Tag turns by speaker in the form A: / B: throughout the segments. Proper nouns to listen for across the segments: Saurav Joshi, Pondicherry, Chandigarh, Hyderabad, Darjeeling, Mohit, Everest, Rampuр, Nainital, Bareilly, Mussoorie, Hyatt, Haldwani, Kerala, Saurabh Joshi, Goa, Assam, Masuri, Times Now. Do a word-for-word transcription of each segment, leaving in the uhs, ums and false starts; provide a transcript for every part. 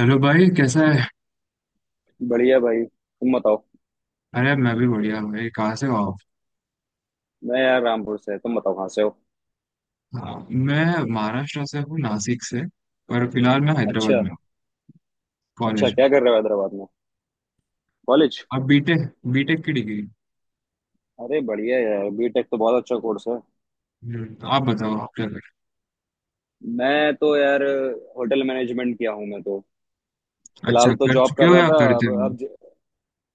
A: Hello भाई कैसा है।
B: बढ़िया भाई तुम बताओ।
A: अरे मैं भी बढ़िया भाई, कहाँ से हो आप?
B: मैं यार रामपुर से। तुम बताओ कहाँ से हो?
A: हाँ, मैं महाराष्ट्र से हूँ, नासिक से। पर फिलहाल मैं हैदराबाद
B: अच्छा।
A: में हूँ,
B: अच्छा
A: कॉलेज में।
B: क्या कर रहे हो हैदराबाद में? कॉलेज?
A: आप बीटेक, बीटेक की डिग्री।
B: अरे बढ़िया यार बीटेक तो बहुत अच्छा कोर्स है।
A: हम्म, आप बताओ आप क्या कर।
B: मैं तो यार होटल मैनेजमेंट किया हूँ मैं तो।
A: अच्छा,
B: फिलहाल तो
A: कर
B: जॉब
A: चुके
B: कर
A: हो
B: रहा
A: या
B: था,
A: करते
B: अब
A: हो?
B: अब ज-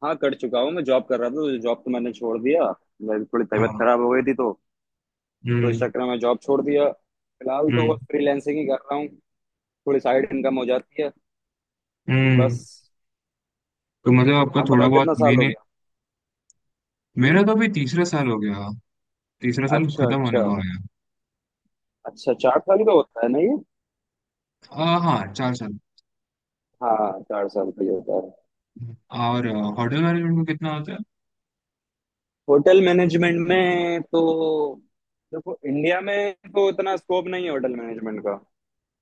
B: हाँ कर चुका हूँ, मैं जॉब कर रहा था तो जॉब तो मैंने छोड़ दिया। मेरी थोड़ी तबीयत
A: हाँ।
B: खराब हो गई थी तो तो इस
A: हम्म।
B: चक्कर में मैं जॉब छोड़ दिया। फिलहाल तो
A: हम्म।
B: बस फ्रीलैंसिंग ही कर रहा हूँ। थोड़ी साइड इनकम हो जाती है
A: हम्म।
B: बस।
A: तो मतलब आपका
B: आप
A: थोड़ा
B: बताओ
A: बहुत
B: कितना साल हो
A: मैंने।
B: गया? हम्म।
A: मेरा तो अभी तीसरा साल हो गया, तीसरा साल
B: अच्छा
A: खत्म
B: अच्छा।
A: होने को आया।
B: अच्छा चार साल का होता है ना ये?
A: आ, हाँ, चार साल।
B: हाँ चार साल का ही होता है।
A: और होटल मैनेजमेंट में कितना होता है?
B: होटल मैनेजमेंट में तो देखो इंडिया में तो इतना स्कोप नहीं है होटल मैनेजमेंट का।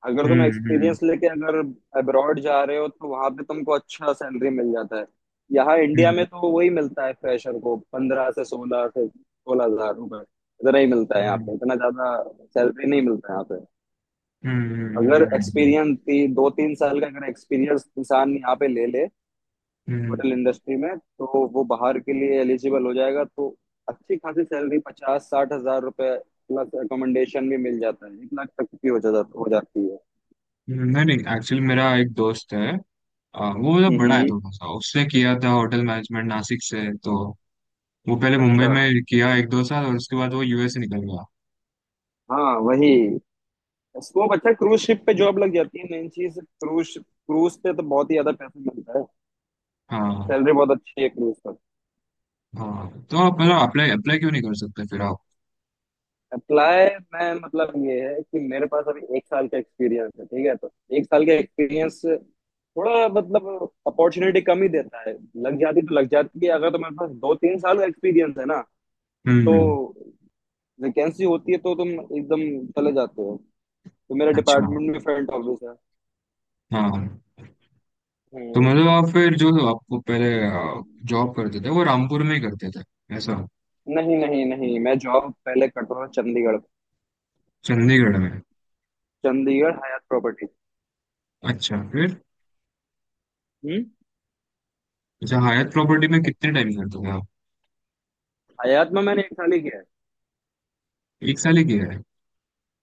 B: अगर तुम
A: हम्म। हम्म।
B: एक्सपीरियंस लेके अगर अब्रॉड जा रहे हो तो वहां पे तुमको अच्छा सैलरी मिल जाता है। यहाँ इंडिया में
A: हम्म।
B: तो वही मिलता है, फ्रेशर को पंद्रह से सोलह से सोलह हजार रुपए। इतना ही मिलता है यहाँ
A: हम्म।
B: पे, इतना ज्यादा सैलरी नहीं मिलता है यहाँ पे।
A: हम्म। हम्म। हम्म।
B: अगर
A: हम्म, हम्म।
B: एक्सपीरियंस दो तीन साल का अगर एक्सपीरियंस इंसान यहाँ पे ले ले
A: हम्म।
B: होटल इंडस्ट्री में, तो वो बाहर के लिए एलिजिबल हो जाएगा तो अच्छी खासी सैलरी पचास साठ हजार रुपए प्लस अकोमोडेशन भी मिल जाता है, एक लाख तक की हो जाता हो जाती है।
A: नहीं नहीं, एक्चुअली मेरा एक दोस्त है। आ, वो मतलब बड़ा है
B: हम्म।
A: थोड़ा सा, उसने किया था होटल मैनेजमेंट नासिक से। तो वो पहले मुंबई
B: अच्छा।
A: में किया एक दो साल, और उसके बाद वो यूएस से निकल गया।
B: हाँ वही स्कोप अच्छा, क्रूज शिप पे जॉब लग जाती है। मेन चीज क्रूज, क्रूज पे तो बहुत ही ज्यादा पैसा मिलता है।
A: हाँ।
B: सैलरी बहुत अच्छी है क्रूज।
A: हाँ, तो आप मतलब अप्लाई अप्लाई क्यों नहीं कर सकते फिर आप?
B: अप्लाई? मैं मतलब ये है कि मेरे पास अभी एक साल का एक्सपीरियंस है, ठीक है तो। एक साल का एक्सपीरियंस थोड़ा मतलब अपॉर्चुनिटी कम ही देता है। लग जाती तो लग जाती है अगर तुम्हारे पास दो तीन साल का एक्सपीरियंस है ना तो
A: हम्म।
B: वैकेंसी होती है तो तुम एकदम चले जाते हो। तो मेरा
A: अच्छा।
B: डिपार्टमेंट में फ्रंट ऑफिस है।
A: हाँ, तो
B: हम्म।
A: मतलब आप फिर जो, आपको पहले जॉब करते थे वो रामपुर में ही करते थे ऐसा?
B: नहीं नहीं नहीं, मैं जॉब पहले करता था चंडीगढ़।
A: चंडीगढ़ में।
B: चंडीगढ़ हयात प्रॉपर्टी।
A: अच्छा, फिर।
B: हम्म।
A: अच्छा, हयात प्रॉपर्टी में कितने टाइम करते थे आप?
B: हयात में मैंने एक साल ही किया है।
A: एक साल ही किया है।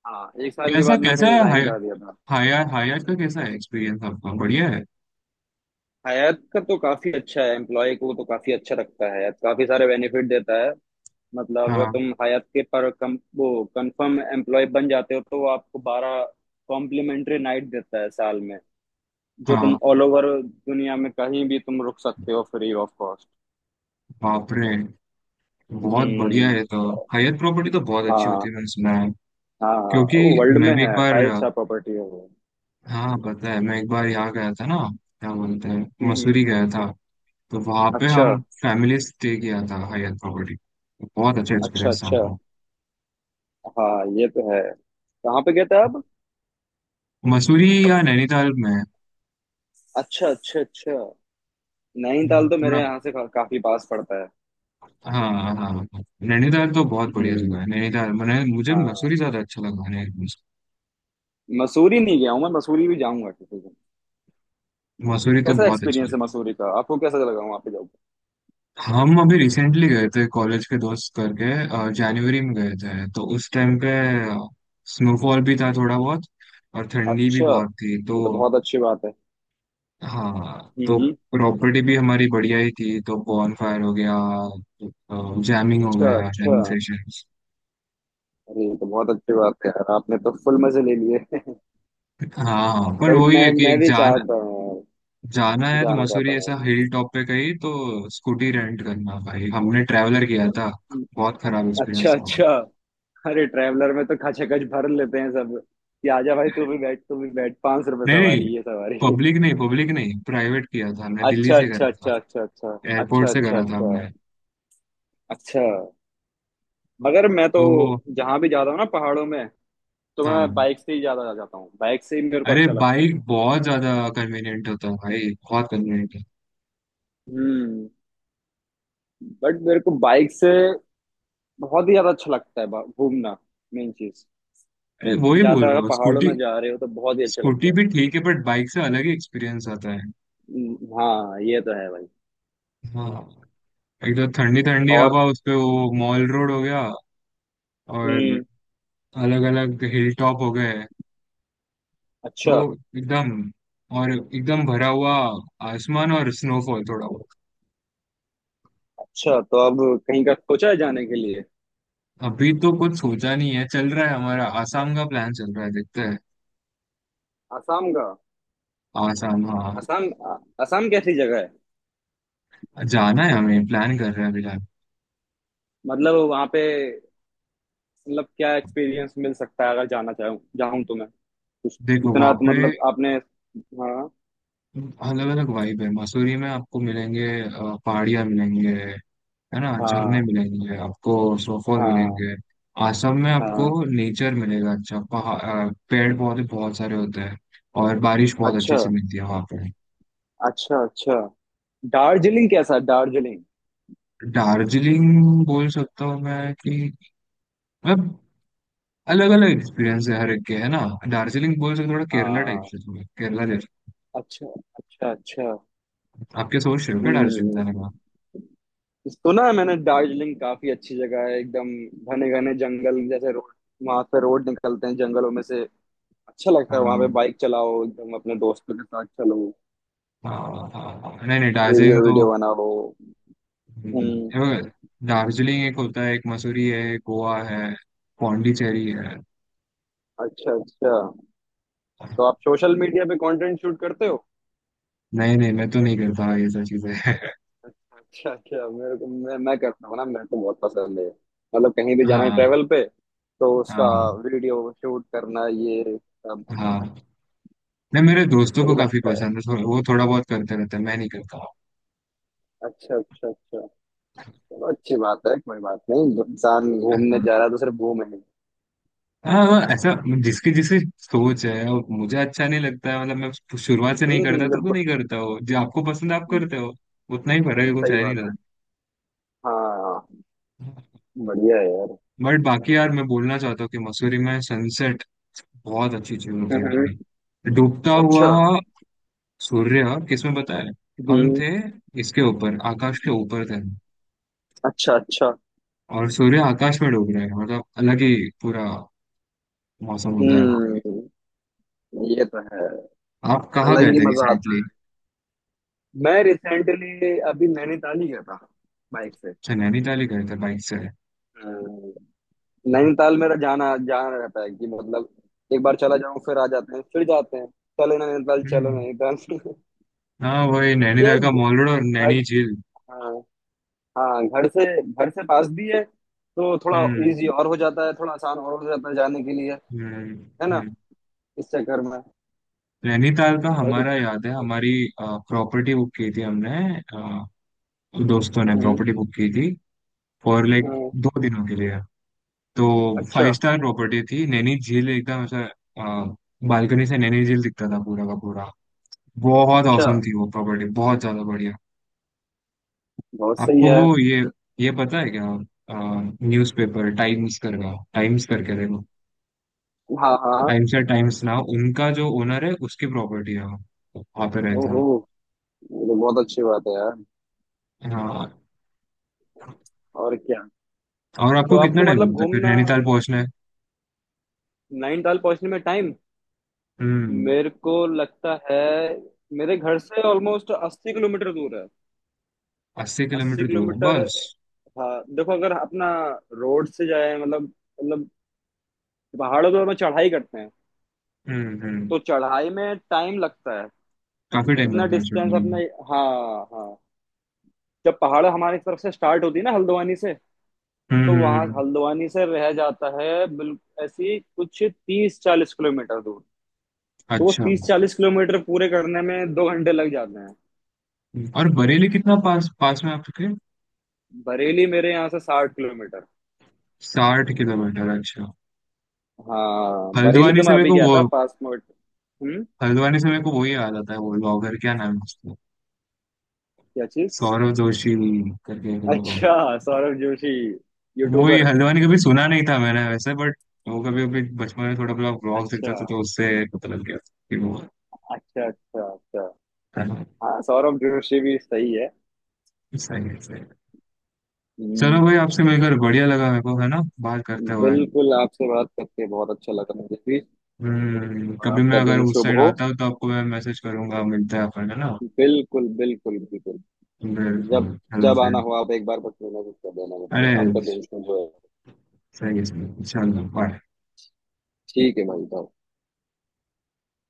B: हाँ एक साल के
A: कैसा
B: बाद
A: कैसा
B: मैंने
A: है,
B: रिजाइन कर दिया था।
A: हायर हायर का कैसा है एक्सपीरियंस आपका, बढ़िया है?
B: हयात का तो काफी अच्छा है, एम्प्लॉय को तो काफी अच्छा रखता है। हयात काफी सारे बेनिफिट देता है। मतलब अगर
A: हाँ।
B: तुम हयात के पर कम वो कंफर्म एम्प्लॉय बन जाते हो तो वो आपको बारह कॉम्प्लीमेंट्री नाइट देता है साल में, जो तुम
A: हाँ।
B: ऑल ओवर दुनिया में कहीं भी तुम रुक सकते हो फ्री ऑफ कॉस्ट।
A: बाप रे, बहुत बढ़िया
B: हम्म।
A: है। तो हायर प्रॉपर्टी तो बहुत अच्छी होती
B: हाँ।
A: है, मैंने सुना है।
B: हाँ
A: क्योंकि
B: वर्ल्ड
A: मैं
B: में
A: भी एक
B: है,
A: बार,
B: फाइव स्टार प्रॉपर्टी है वो।
A: हाँ पता है, मैं एक बार यहाँ गया था ना, क्या बोलते हैं,
B: हम्म।
A: मसूरी गया था। तो वहाँ पे
B: अच्छा
A: हम फैमिली स्टे किया था हायर प्रॉपर्टी। बहुत अच्छा
B: अच्छा
A: एक्सपीरियंस था
B: अच्छा।
A: हमारा।
B: हाँ ये तो है। कहाँ पे गए थे आप?
A: मसूरी या नैनीताल में।
B: अच्छा अच्छा अच्छा। नैनीताल तो
A: थोड़ा,
B: मेरे यहाँ से का, काफी पास पड़ता है।
A: हाँ हाँ हाँ। नैनीताल तो बहुत बढ़िया जगह
B: हम्म।
A: है नैनीताल। मैंने, मुझे मसूरी
B: हाँ।
A: ज्यादा अच्छा लगा नैनीताल से।
B: मसूरी नहीं गया हूँ मैं, मसूरी भी जाऊंगा किसी दिन।
A: मसूरी तो
B: कैसा
A: बहुत अच्छी।
B: एक्सपीरियंस है मसूरी का? आपको कैसा लगा वहाँ पे? जाऊंगा।
A: हम अभी रिसेंटली गए थे कॉलेज के दोस्त करके, जनवरी में गए थे, तो उस टाइम पे स्नोफॉल भी था थोड़ा बहुत, और ठंडी भी
B: अच्छा।
A: बहुत थी। तो
B: ये तो बहुत अच्छी बात है।
A: हाँ, तो
B: हम्म।
A: प्रॉपर्टी भी हमारी बढ़िया ही थी, तो बॉनफायर हो गया, जैमिंग हो
B: अच्छा
A: गया,
B: अच्छा।
A: Jamming sessions.
B: अरे ये तो बहुत अच्छी बात है यार, आपने तो फुल मजे ले लिए।
A: हाँ, पर
B: बट
A: वही
B: मैं
A: है कि
B: मैं
A: एक
B: भी
A: जान
B: चाहता हूँ
A: जाना है तो
B: जाना, चाहता
A: मसूरी ऐसा
B: हूँ मैं
A: हिल टॉप पे कहीं, तो स्कूटी रेंट करना भाई, हमने ट्रैवलर किया था।
B: भी।
A: बहुत खराब
B: अच्छा
A: एक्सपीरियंस था।
B: अच्छा। अरे ट्रैवलर में तो खचाखच भर लेते हैं सब कि आजा भाई तू भी बैठ तू भी बैठ, पांच रुपए
A: नहीं नहीं,
B: सवारी ये सवारी।
A: पब्लिक नहीं, पब्लिक नहीं, प्राइवेट किया था, मैं दिल्ली
B: अच्छा
A: से
B: अच्छा
A: करा था,
B: अच्छा अच्छा अच्छा अच्छा
A: एयरपोर्ट से
B: अच्छा
A: करा था
B: अच्छा
A: हमने।
B: अच्छा। मगर मैं तो
A: तो
B: जहाँ भी जाता हूँ ना पहाड़ों में, तो मैं
A: हाँ,
B: बाइक से ही ज्यादा जा जाता हूँ। बाइक से ही मेरे को
A: अरे
B: अच्छा लगता है।
A: बाइक बहुत ज्यादा कन्वीनियंट होता है भाई, बहुत कन्वीनियंट है।
B: हम्म। बट मेरे को बाइक से बहुत ही ज्यादा अच्छा लगता है बा- घूमना मेन चीज
A: अरे वही बोल
B: ज्यादा,
A: रहा
B: अगर
A: हूँ,
B: पहाड़ों
A: स्कूटी,
B: में जा रहे हो तो बहुत ही अच्छा लगता
A: स्कूटी
B: है।
A: भी ठीक है, बट बाइक से अलग ही एक्सपीरियंस आता है।
B: हम्म, हाँ ये तो है भाई।
A: हाँ, एक तो ठंडी ठंडी
B: और
A: हवा, उस पे वो मॉल रोड हो गया, और
B: हम्म।
A: अलग अलग हिल टॉप हो गए। तो
B: अच्छा
A: एकदम, और एकदम भरा हुआ आसमान, और स्नोफॉल थोड़ा।
B: अच्छा। तो अब कहीं का सोचा है जाने के लिए?
A: अभी तो कुछ सोचा नहीं है, चल रहा है हमारा, आसाम का प्लान चल रहा है, देखते हैं।
B: असम का?
A: आसाम, हाँ।
B: असम। असम कैसी जगह है?
A: जाना है हमें, प्लान कर रहे हैं अभी, लाइक,
B: मतलब वहां पे मतलब क्या एक्सपीरियंस मिल सकता है अगर जाना चाहूँ जाऊँ तो मैं कुछ?
A: देखो
B: इतना
A: वहाँ
B: तो
A: पे,
B: मतलब आपने। हाँ।
A: अलग अलग वाइब है। मसूरी में आपको मिलेंगे अ, पहाड़ियाँ मिलेंगे, है ना, झरने
B: हाँ।
A: मिलेंगे आपको, स्नोफॉल
B: हाँ।
A: मिलेंगे। आसम में आपको
B: हाँ।
A: नेचर मिलेगा, अच्छा पहाड़, अ, पेड़ पौधे बहुत सारे होते हैं, और बारिश बहुत अच्छे
B: अच्छा
A: से मिलती है वहाँ पे।
B: अच्छा अच्छा। दार्जिलिंग कैसा? दार्जिलिंग?
A: दार्जिलिंग बोल सकता हूँ मैं कि, मतलब अलग अलग एक्सपीरियंस है हर एक के, है ना। दार्जिलिंग बोल सकते हो, थोड़ा केरला टाइप
B: हाँ।
A: से, थोड़ा केरला जैसे।
B: अच्छा अच्छा अच्छा।
A: आपके, सोच रहे हो क्या
B: हम्म।
A: दार्जिलिंग जाने का?
B: सुना है मैंने दार्जिलिंग काफी अच्छी जगह है, एकदम घने घने जंगल जैसे रोड। वहां पे रोड निकलते हैं जंगलों में से। अच्छा लगता
A: हाँ
B: है वहां पे,
A: हाँ
B: बाइक चलाओ एकदम अपने दोस्तों के साथ, चलो
A: हाँ, हाँ। हाँ। नहीं नहीं,
B: वीडियो
A: दार्जिलिंग तो।
B: वीडियो बनाओ।
A: हम्म,
B: हम्म।
A: ये बघ, दार्जिलिंग एक होता है, एक मसूरी है, एक गोवा है, पौंडीचेरी है।
B: अच्छा अच्छा। तो आप सोशल मीडिया पे कंटेंट शूट करते हो?
A: नहीं नहीं, मैं तो नहीं करता ये सब चीजें।
B: अच्छा अच्छा। मेरे को, मैं मैं करता हूँ ना, मेरे को बहुत पसंद है। मतलब कहीं भी जाना है
A: हाँ।
B: ट्रेवल पे तो उसका
A: हाँ।
B: वीडियो शूट करना, ये सब।
A: हाँ, नहीं मेरे दोस्तों को
B: वही
A: काफी
B: लगता है।
A: पसंद है, थो- वो थोड़ा बहुत करते रहते हैं, मैं नहीं करता।
B: अच्छा अच्छा अच्छा। चलो अच्छी बात है, कोई बात नहीं, जो इंसान घूमने
A: हाँ।
B: जा रहा है तो सिर्फ घूमे ही।
A: हाँ हाँ, ऐसा जिसकी जिसकी सोच है, और मुझे अच्छा नहीं लगता है, मतलब मैं शुरुआत से नहीं करता,
B: हम्म
A: तो तो
B: बिल्कुल।
A: नहीं करता हो, जो आपको पसंद है आप
B: हम्म,
A: करते हो। उतना ही फर्क है, कुछ
B: सही
A: है नहीं
B: बात
A: था।
B: है। हाँ। बढ़िया है यार।
A: बट बाकी यार मैं बोलना चाहता हूँ कि मसूरी में सनसेट बहुत अच्छी चीज होती है
B: हम्म।
A: भाई। डूबता
B: अच्छा।
A: हुआ सूर्य, किसमें पता है, हम
B: हम्म।
A: थे इसके ऊपर, आकाश के ऊपर थे,
B: अच्छा अच्छा।
A: और सूर्य आकाश में डूब रहे हैं, मतलब अलग ही पूरा मौसम होता है वहाँ।
B: हम्म ये तो है।
A: आप कहाँ
B: अलग
A: गए
B: ही
A: थे
B: मजा आता।
A: रिसेंटली?
B: मैं रिसेंटली अभी नैनीताल ही गया था, बाइक से।
A: अच्छा, नैनीताल ही गए थे बाइक से।
B: अ, नैनीताल मेरा जाना जाना रहता है कि मतलब एक बार चला जाऊं, फिर आ जाते हैं, फिर जाते हैं, चलो नैनीताल चलो
A: हम्म।
B: नैनीताल।
A: हाँ वही,
B: ये
A: नैनीताल का मॉल
B: घर।
A: रोड और नैनी झील।
B: हाँ। हाँ घर से घर से पास भी है तो थोड़ा
A: हम्म।
B: इजी और हो जाता है, थोड़ा आसान और हो जाता है जाने के लिए,
A: हम्म।
B: है ना।
A: हम्म।
B: इस चक्कर में
A: नैनीताल का
B: थोड़ा
A: हमारा,
B: दिक्कत-
A: याद है हमारी प्रॉपर्टी बुक की थी हमने, अ, दोस्तों ने
B: हम्म।
A: प्रॉपर्टी बुक की थी, फॉर लाइक
B: हम्म,
A: दो दिनों के लिए। तो
B: अच्छा
A: फाइव स्टार प्रॉपर्टी थी, नैनी झील एकदम ऐसा, बालकनी से नैनी झील दिखता था पूरा का पूरा। बहुत
B: अच्छा।
A: औसम थी वो प्रॉपर्टी, बहुत ज्यादा बढ़िया।
B: बहुत सही
A: आपको
B: है।
A: वो ये ये पता है क्या, न्यूज़पेपर टाइम्स करका, टाइम्स करके देखो,
B: हाँ। हाँ।
A: टाइम्स या टाइम्स नाउ, उनका जो ओनर है उसकी प्रॉपर्टी है वो, वहाँ पे रहता है।
B: ओहो, ये तो बहुत अच्छी बात है यार।
A: हाँ।
B: और क्या?
A: और
B: तो
A: आपको कितना
B: आपको
A: टाइम
B: मतलब
A: लगता है फिर
B: घूमना,
A: नैनीताल पहुंचना है?
B: नैनीताल पहुंचने में टाइम।
A: हम्म।
B: मेरे को लगता है मेरे घर से ऑलमोस्ट अस्सी किलोमीटर दूर है।
A: अस्सी
B: अस्सी
A: किलोमीटर दूर है,
B: किलोमीटर।
A: बस।
B: हाँ देखो अगर अपना रोड से जाए मतलब मतलब पहाड़ों पर हम चढ़ाई करते हैं,
A: हम्म। हम्म।
B: तो चढ़ाई में टाइम लगता है
A: काफी टाइम
B: इतना
A: लगता है
B: डिस्टेंस
A: शूटिंग में।
B: अपने। हाँ। हाँ। जब पहाड़ हमारी तरफ से स्टार्ट होती है ना हल्द्वानी से,
A: हम्म।
B: तो
A: हम्म,
B: वहां
A: हम्म।
B: हल्द्वानी से रह जाता है बिल्कुल ऐसी कुछ तीस चालीस किलोमीटर दूर। तो वो
A: अच्छा।
B: तीस चालीस किलोमीटर पूरे करने में दो घंटे लग जाते हैं।
A: और बरेली कितना पास, पास में आपके?
B: बरेली मेरे यहाँ से साठ किलोमीटर।
A: साठ किलोमीटर, अच्छा।
B: हाँ बरेली
A: हल्द्वानी
B: तो मैं
A: से मेरे
B: अभी
A: को
B: गया
A: वो,
B: था पास में, बट- हम्म।
A: हल्द्वानी से मेरे को वही याद आता है, वो ब्लॉगर क्या नाम है उसका,
B: क्या चीज?
A: सौरव जोशी करके एक लोग।
B: अच्छा। सौरभ जोशी।
A: वही,
B: यूट्यूबर।
A: हल्द्वानी कभी सुना नहीं था मैंने वैसे, बट वो कभी, अभी बचपन में थोड़ा बहुत ब्लॉग्स देखता
B: अच्छा
A: था, तो उससे पता लग गया था कि वो
B: अच्छा अच्छा अच्छा।
A: होता है।
B: हाँ सौरभ जोशी भी सही है।
A: सही है, सही है। चलो
B: हम्म,
A: भाई, आपसे मिलकर बढ़िया लगा मेरे को, है ना, बात करते हुए।
B: बिल्कुल आपसे बात करके बहुत अच्छा लगा मुझे भी।
A: हम्म,
B: और
A: कभी मैं
B: आपका
A: अगर
B: दिन
A: उस
B: शुभ
A: साइड
B: हो।
A: आता हूँ तो आपको मैं मैसेज करूंगा, मिलते हैं अपन, है ना।
B: बिल्कुल बिल्कुल बिल्कुल।
A: बिल्कुल।
B: जब
A: हेलो
B: जब आना
A: फ्रेंड।
B: हो आप एक बार बस मैसेज कर देना मेरे को।
A: अरे,
B: आपका दिन शुभ हो।
A: सही है सही है। चलो बाय.
B: ठीक है भाई bye।